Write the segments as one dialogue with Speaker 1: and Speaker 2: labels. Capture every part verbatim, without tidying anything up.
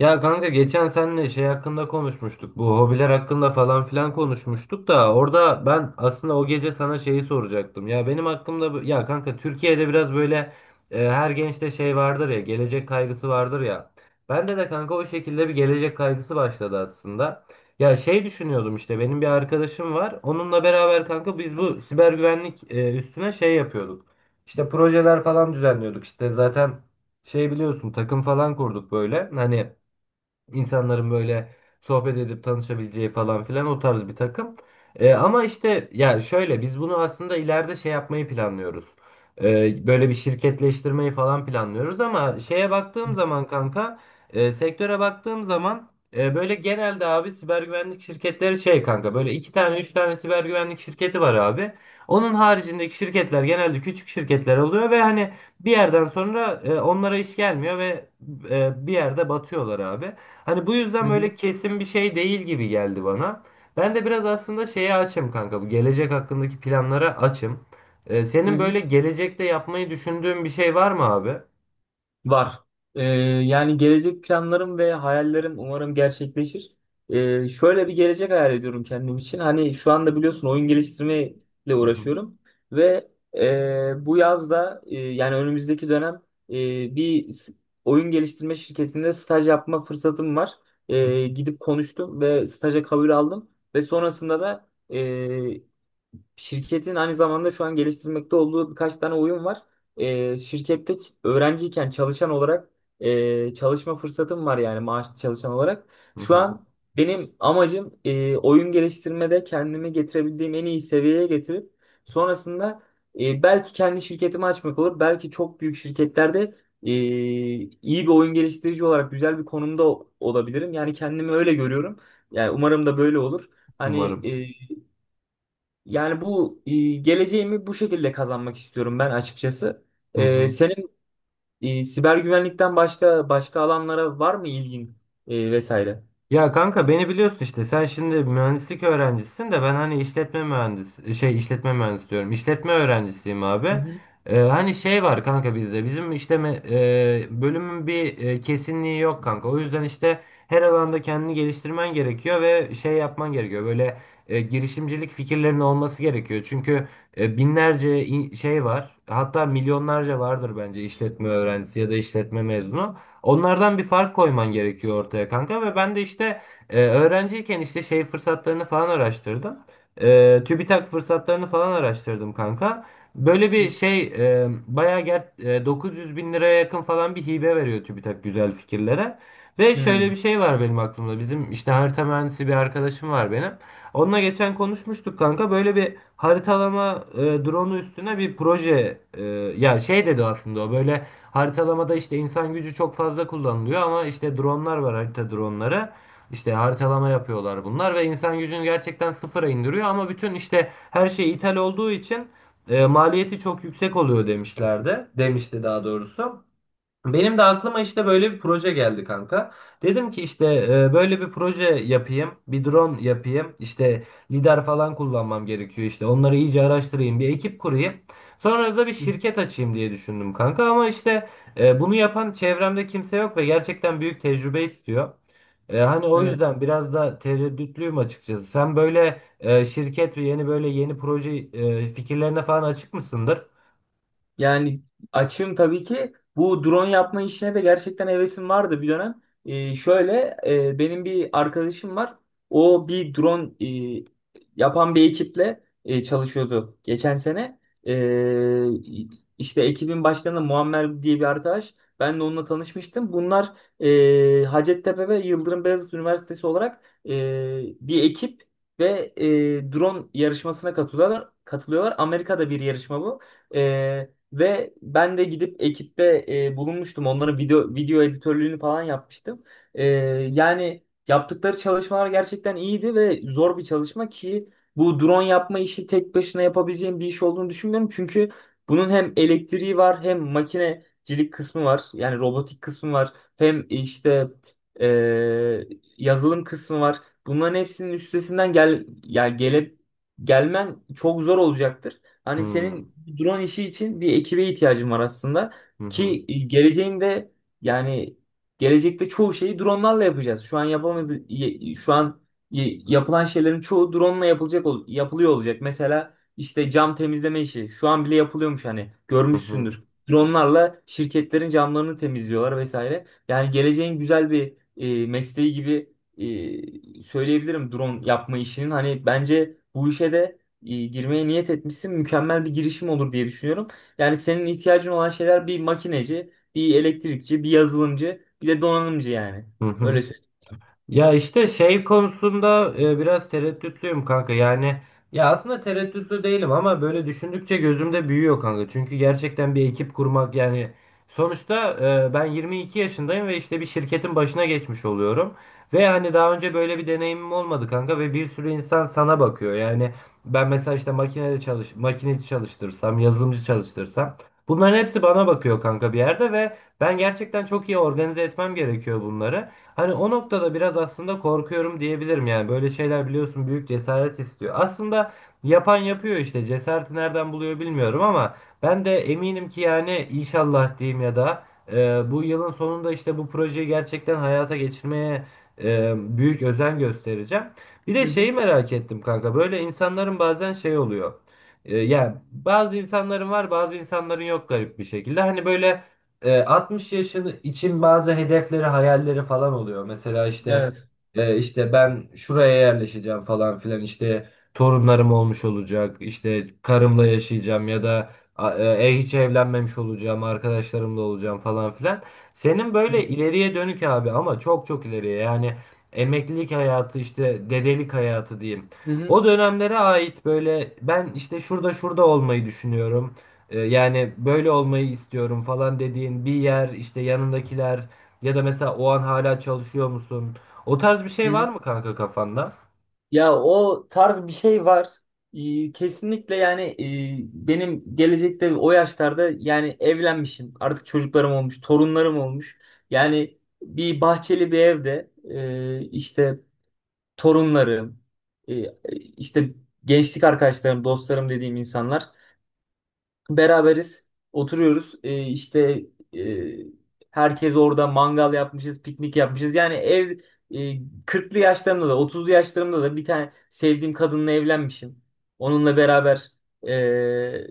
Speaker 1: Ya kanka geçen seninle şey hakkında konuşmuştuk. Bu hobiler hakkında falan filan konuşmuştuk da orada ben aslında o gece sana şeyi soracaktım. Ya benim hakkımda bu- ya kanka Türkiye'de biraz böyle e, her gençte şey vardır ya, gelecek kaygısı vardır ya. Bende de kanka o şekilde bir gelecek kaygısı başladı aslında. Ya şey düşünüyordum, işte benim bir arkadaşım var. Onunla beraber kanka biz bu siber güvenlik e, üstüne şey yapıyorduk. İşte projeler falan düzenliyorduk. İşte zaten şey biliyorsun, takım falan kurduk böyle. Hani İnsanların böyle sohbet edip tanışabileceği falan filan o tarz bir takım. E, ama işte ya şöyle, biz bunu aslında ileride şey yapmayı planlıyoruz. E, böyle bir şirketleştirmeyi falan planlıyoruz ama şeye
Speaker 2: Hı
Speaker 1: baktığım zaman kanka, e, sektöre baktığım zaman e, böyle genelde abi siber güvenlik şirketleri şey kanka, böyle iki tane üç tane siber güvenlik şirketi var abi. Onun haricindeki şirketler genelde küçük şirketler oluyor ve hani bir yerden sonra e, onlara iş gelmiyor ve e, bir yerde batıyorlar abi. Hani bu yüzden
Speaker 2: hı.
Speaker 1: böyle kesin bir şey değil gibi geldi bana. Ben de biraz aslında şeye açım kanka. Bu gelecek hakkındaki planlara açım. Ee,
Speaker 2: Hı
Speaker 1: senin
Speaker 2: hı.
Speaker 1: böyle gelecekte yapmayı düşündüğün bir şey var mı abi?
Speaker 2: Var. Ee, yani gelecek planlarım ve hayallerim umarım gerçekleşir. Ee, şöyle bir gelecek hayal ediyorum kendim için. Hani şu anda biliyorsun oyun geliştirmeyle
Speaker 1: Hı hı,
Speaker 2: uğraşıyorum ve e, bu yazda e, yani önümüzdeki dönem e, bir s- oyun geliştirme şirketinde staj yapma fırsatım var.
Speaker 1: hı
Speaker 2: E,
Speaker 1: hı,
Speaker 2: gidip konuştum ve staja kabul aldım ve sonrasında da e, Şirketin aynı zamanda şu an geliştirmekte olduğu birkaç tane oyun var. Ee, şirkette ç- öğrenciyken çalışan olarak e, çalışma fırsatım var yani maaşlı çalışan olarak. Şu an benim amacım e, oyun geliştirmede kendimi getirebildiğim en iyi seviyeye getirip sonrasında e, belki kendi şirketimi açmak olur. Belki çok büyük şirketlerde e, iyi bir oyun geliştirici olarak güzel bir konumda o- olabilirim. Yani kendimi öyle görüyorum. Yani umarım da böyle olur. Hani
Speaker 1: umarım.
Speaker 2: yani bu e, geleceğimi bu şekilde kazanmak istiyorum ben açıkçası.
Speaker 1: Hı
Speaker 2: E,
Speaker 1: hı.
Speaker 2: senin e, siber güvenlikten başka başka alanlara var mı ilgin e, vesaire?
Speaker 1: Ya kanka beni biliyorsun, işte sen şimdi mühendislik öğrencisin de ben hani işletme mühendis şey, işletme mühendisi diyorum, işletme öğrencisiyim
Speaker 2: Hı
Speaker 1: abi.
Speaker 2: hı.
Speaker 1: Ee, hani şey var kanka, bizde bizim işte me- e, bölümün bir e, kesinliği yok kanka, o yüzden işte her alanda kendini geliştirmen gerekiyor ve şey yapman gerekiyor böyle, e, girişimcilik fikirlerinin olması gerekiyor çünkü e, binlerce in- şey var, hatta milyonlarca vardır bence işletme öğrencisi ya da işletme mezunu. Onlardan bir fark koyman gerekiyor ortaya kanka ve ben de işte e, öğrenciyken işte şey fırsatlarını falan araştırdım. E, TÜBİTAK fırsatlarını falan araştırdım kanka. Böyle bir
Speaker 2: Hı.
Speaker 1: şey e, bayağı ger e, dokuz yüz bin liraya yakın falan bir hibe veriyor TÜBİTAK güzel fikirlere. Ve şöyle
Speaker 2: Hmm.
Speaker 1: bir şey var benim aklımda. Bizim işte harita mühendisi bir arkadaşım var benim. Onunla geçen konuşmuştuk kanka. Böyle bir haritalama e, drone'u üstüne bir proje, e, ya şey dedi aslında o, böyle haritalamada işte insan gücü çok fazla kullanılıyor ama işte dronlar var, harita dronları. İşte haritalama yapıyorlar bunlar ve insan gücünü gerçekten sıfıra indiriyor ama bütün işte her şey ithal olduğu için e, maliyeti çok yüksek oluyor demişlerdi. Demişti daha doğrusu. Benim de aklıma işte böyle bir proje geldi kanka. Dedim ki işte e, böyle bir proje yapayım, bir drone yapayım. İşte lidar falan kullanmam gerekiyor işte. Onları iyice araştırayım, bir ekip kurayım. Sonra da bir
Speaker 2: Hı.
Speaker 1: şirket açayım diye düşündüm kanka ama işte e, bunu yapan çevremde kimse yok ve gerçekten büyük tecrübe istiyor. E, hani o
Speaker 2: Evet.
Speaker 1: yüzden biraz da tereddütlüyüm açıkçası. Sen böyle e, şirket ve yeni böyle yeni proje e, fikirlerine falan açık mısındır?
Speaker 2: Yani açığım tabii ki. Bu drone yapma işine de gerçekten hevesim vardı bir dönem. Ee, şöyle e, benim bir arkadaşım var. O bir drone e, yapan bir ekiple e, çalışıyordu geçen sene. Ee, işte ekibin başkanı Muammer diye bir arkadaş. Ben de onunla tanışmıştım. Bunlar e, Hacettepe ve Yıldırım Beyazıt Üniversitesi olarak e, bir ekip ve e, drone yarışmasına katılıyorlar. Katılıyorlar. Amerika'da bir yarışma bu. Ee, ve ben de gidip ekipte e, bulunmuştum. Onların video video editörlüğünü falan yapmıştım. E, yani yaptıkları çalışmalar gerçekten iyiydi ve zor bir çalışma ki bu drone yapma işi tek başına yapabileceğim bir iş olduğunu düşünmüyorum. Çünkü bunun hem elektriği var hem makinecilik kısmı var. Yani robotik kısmı var. Hem işte e, yazılım kısmı var. Bunların hepsinin üstesinden gel yani gele, gelmen çok zor olacaktır. Hani senin
Speaker 1: Hmm.
Speaker 2: bu drone işi için bir ekibe ihtiyacın var aslında.
Speaker 1: Hı hı.
Speaker 2: Ki e, geleceğinde yani gelecekte çoğu şeyi dronelarla yapacağız. Şu an yapamadı y- şu an y- yapılan şeylerin çoğu drone'la yapılacak ol- yapılıyor olacak. Mesela işte cam temizleme işi şu an bile yapılıyormuş hani
Speaker 1: Hı hı.
Speaker 2: görmüşsündür. Drone'larla şirketlerin camlarını temizliyorlar vesaire. Yani geleceğin güzel bir e, mesleği gibi e, söyleyebilirim drone yapma işinin. Hani bence bu işe de e, girmeye niyet etmişsin. Mükemmel bir girişim olur diye düşünüyorum. Yani senin ihtiyacın olan şeyler bir makineci, bir elektrikçi, bir yazılımcı, bir de donanımcı yani.
Speaker 1: Hı hı.
Speaker 2: Öyle söyleyeyim.
Speaker 1: Ya işte şey konusunda e, biraz tereddütlüyüm kanka. Yani ya aslında tereddütlü değilim ama böyle düşündükçe gözümde büyüyor kanka. Çünkü gerçekten bir ekip kurmak, yani sonuçta e, ben yirmi iki yaşındayım ve işte bir şirketin başına geçmiş oluyorum. Ve hani daha önce böyle bir deneyimim olmadı kanka ve bir sürü insan sana bakıyor. Yani ben mesela işte makinede çalış makineci çalıştırsam, yazılımcı çalıştırsam bunların hepsi bana bakıyor kanka bir yerde ve ben gerçekten çok iyi organize etmem gerekiyor bunları. Hani o noktada biraz aslında korkuyorum diyebilirim, yani böyle şeyler biliyorsun, büyük cesaret istiyor. Aslında yapan yapıyor işte, cesareti nereden buluyor bilmiyorum ama ben de eminim ki yani, inşallah diyeyim ya da, e, bu yılın sonunda işte bu projeyi gerçekten hayata geçirmeye e, büyük özen göstereceğim. Bir de
Speaker 2: Hı hı.
Speaker 1: şeyi merak ettim kanka, böyle insanların bazen şey oluyor. E, yani bazı insanların var, bazı insanların yok garip bir şekilde. Hani böyle e, altmış yaşın için bazı hedefleri, hayalleri falan oluyor. Mesela işte
Speaker 2: Evet.
Speaker 1: e, işte ben şuraya yerleşeceğim falan filan, işte torunlarım olmuş olacak, işte karımla yaşayacağım ya da a- e, e, hiç evlenmemiş olacağım, arkadaşlarımla olacağım falan filan. Senin
Speaker 2: Hı hı.
Speaker 1: böyle ileriye dönük abi, ama çok çok ileriye, yani emeklilik hayatı, işte dedelik hayatı diyeyim.
Speaker 2: Hı hı.
Speaker 1: O dönemlere ait böyle, ben işte şurada şurada olmayı düşünüyorum. E, Yani böyle olmayı istiyorum falan dediğin bir yer, işte yanındakiler ya da mesela o an hala çalışıyor musun? O tarz bir
Speaker 2: Hı
Speaker 1: şey
Speaker 2: hı.
Speaker 1: var mı kanka kafanda?
Speaker 2: Ya o tarz bir şey var. Ee, kesinlikle yani e, benim gelecekte o yaşlarda yani evlenmişim. Artık çocuklarım olmuş, torunlarım olmuş. Yani bir bahçeli bir evde e, işte torunlarım, e, e, işte gençlik arkadaşlarım, dostlarım dediğim insanlar beraberiz, oturuyoruz. E, işte e, herkes orada mangal yapmışız, piknik yapmışız. Yani ev e, kırklı yaşlarımda da otuzlu yaşlarımda da bir tane sevdiğim kadınla evlenmişim. Onunla beraber e,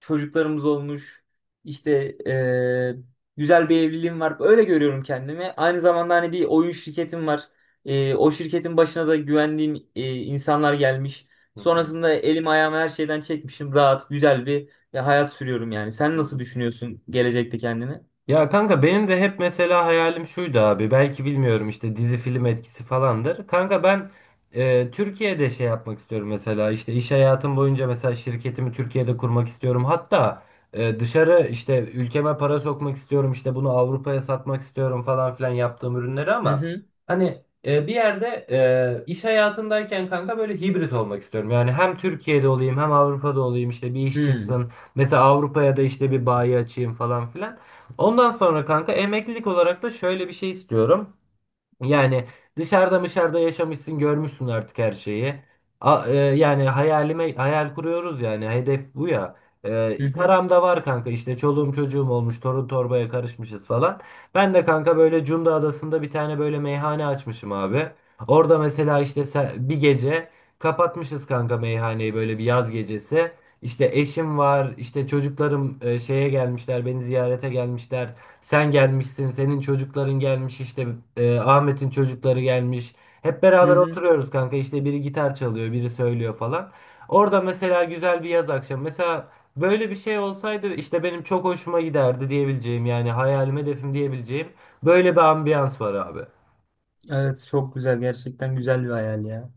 Speaker 2: çocuklarımız olmuş. İşte e, güzel bir evliliğim var. Öyle görüyorum kendimi. Aynı zamanda hani bir oyun şirketim var. E, o şirketin başına da güvendiğim e, insanlar gelmiş.
Speaker 1: Hı hı.
Speaker 2: Sonrasında elim ayağımı her şeyden çekmişim. Rahat, güzel bir e, hayat sürüyorum yani. Sen
Speaker 1: Hı
Speaker 2: nasıl
Speaker 1: hı.
Speaker 2: düşünüyorsun gelecekte kendini?
Speaker 1: Ya kanka benim de hep mesela hayalim şuydu abi. Belki bilmiyorum işte, dizi film etkisi falandır. Kanka ben e, Türkiye'de şey yapmak istiyorum, mesela işte iş hayatım boyunca mesela şirketimi Türkiye'de kurmak istiyorum. Hatta e, dışarı işte ülkeme para sokmak istiyorum, işte bunu Avrupa'ya satmak istiyorum falan filan, yaptığım ürünleri
Speaker 2: Hı
Speaker 1: ama
Speaker 2: hı.
Speaker 1: hani e, bir yerde e, iş hayatındayken kanka böyle hibrit olmak istiyorum. Yani hem Türkiye'de olayım hem Avrupa'da olayım, işte bir
Speaker 2: Hı
Speaker 1: iş
Speaker 2: hı.
Speaker 1: çıksın. Mesela Avrupa'ya da işte bir bayi açayım falan filan. Ondan sonra kanka emeklilik olarak da şöyle bir şey istiyorum. Yani dışarıda dışarıda yaşamışsın, görmüşsün artık her şeyi. A- e, yani hayalime, hayal kuruyoruz yani, hedef bu ya. E,
Speaker 2: Hı hı.
Speaker 1: param da var kanka, işte çoluğum çocuğum olmuş, torun torbaya karışmışız falan. Ben de kanka böyle Cunda Adası'nda bir tane böyle meyhane açmışım abi. Orada mesela işte se- bir gece kapatmışız kanka meyhaneyi, böyle bir yaz gecesi. İşte eşim var, işte çocuklarım e, şeye gelmişler, beni ziyarete gelmişler. Sen gelmişsin, senin çocukların gelmiş, işte e, Ahmet'in çocukları gelmiş. Hep
Speaker 2: Hı
Speaker 1: beraber
Speaker 2: hı.
Speaker 1: oturuyoruz kanka, işte biri gitar çalıyor, biri söylüyor falan. Orada mesela güzel bir yaz akşamı. Mesela böyle bir şey olsaydı işte benim çok hoşuma giderdi diyebileceğim, yani hayalim, hedefim diyebileceğim böyle bir ambiyans var abi.
Speaker 2: Evet, çok güzel. Gerçekten güzel bir hayal ya.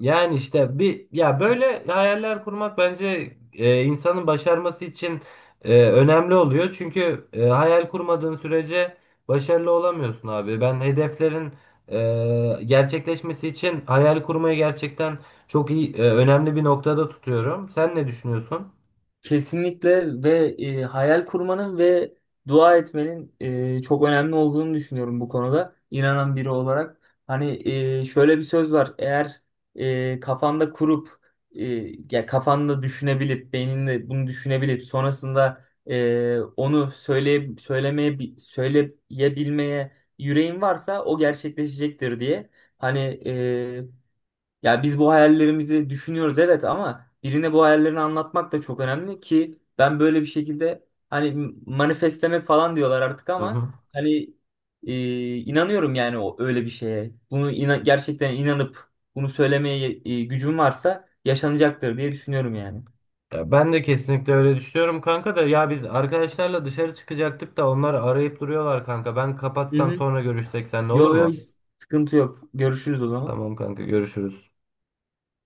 Speaker 1: Yani işte bir, ya böyle hayaller kurmak bence e, insanın başarması için e, önemli oluyor. Çünkü e, hayal kurmadığın sürece başarılı olamıyorsun abi. Ben hedeflerin e, gerçekleşmesi için hayal kurmayı gerçekten çok iyi, e, önemli bir noktada tutuyorum. Sen ne düşünüyorsun?
Speaker 2: Kesinlikle ve e, hayal kurmanın ve dua etmenin e, çok önemli olduğunu düşünüyorum bu konuda inanan biri olarak. Hani e, şöyle bir söz var. Eğer e, kafanda kurup e, ya kafanda düşünebilip beyninde bunu düşünebilip sonrasında e, onu söyle söylemeye bi- söyleyebilmeye yüreğin varsa o gerçekleşecektir diye. Hani e, ya biz bu hayallerimizi düşünüyoruz evet ama birine bu hayallerini anlatmak da çok önemli ki ben böyle bir şekilde hani manifestlemek falan diyorlar artık
Speaker 1: Hı
Speaker 2: ama
Speaker 1: hı.
Speaker 2: hani e, inanıyorum yani o öyle bir şeye. Bunu ina- gerçekten inanıp bunu söylemeye e, gücüm varsa yaşanacaktır diye düşünüyorum yani.
Speaker 1: Ya ben de kesinlikle öyle düşünüyorum kanka da, ya biz arkadaşlarla dışarı çıkacaktık da onlar arayıp duruyorlar kanka. Ben
Speaker 2: Hı
Speaker 1: kapatsam,
Speaker 2: hı.
Speaker 1: sonra görüşsek seninle, olur
Speaker 2: Yo yo
Speaker 1: mu?
Speaker 2: hiç sıkıntı yok. Görüşürüz o zaman.
Speaker 1: Tamam kanka, görüşürüz.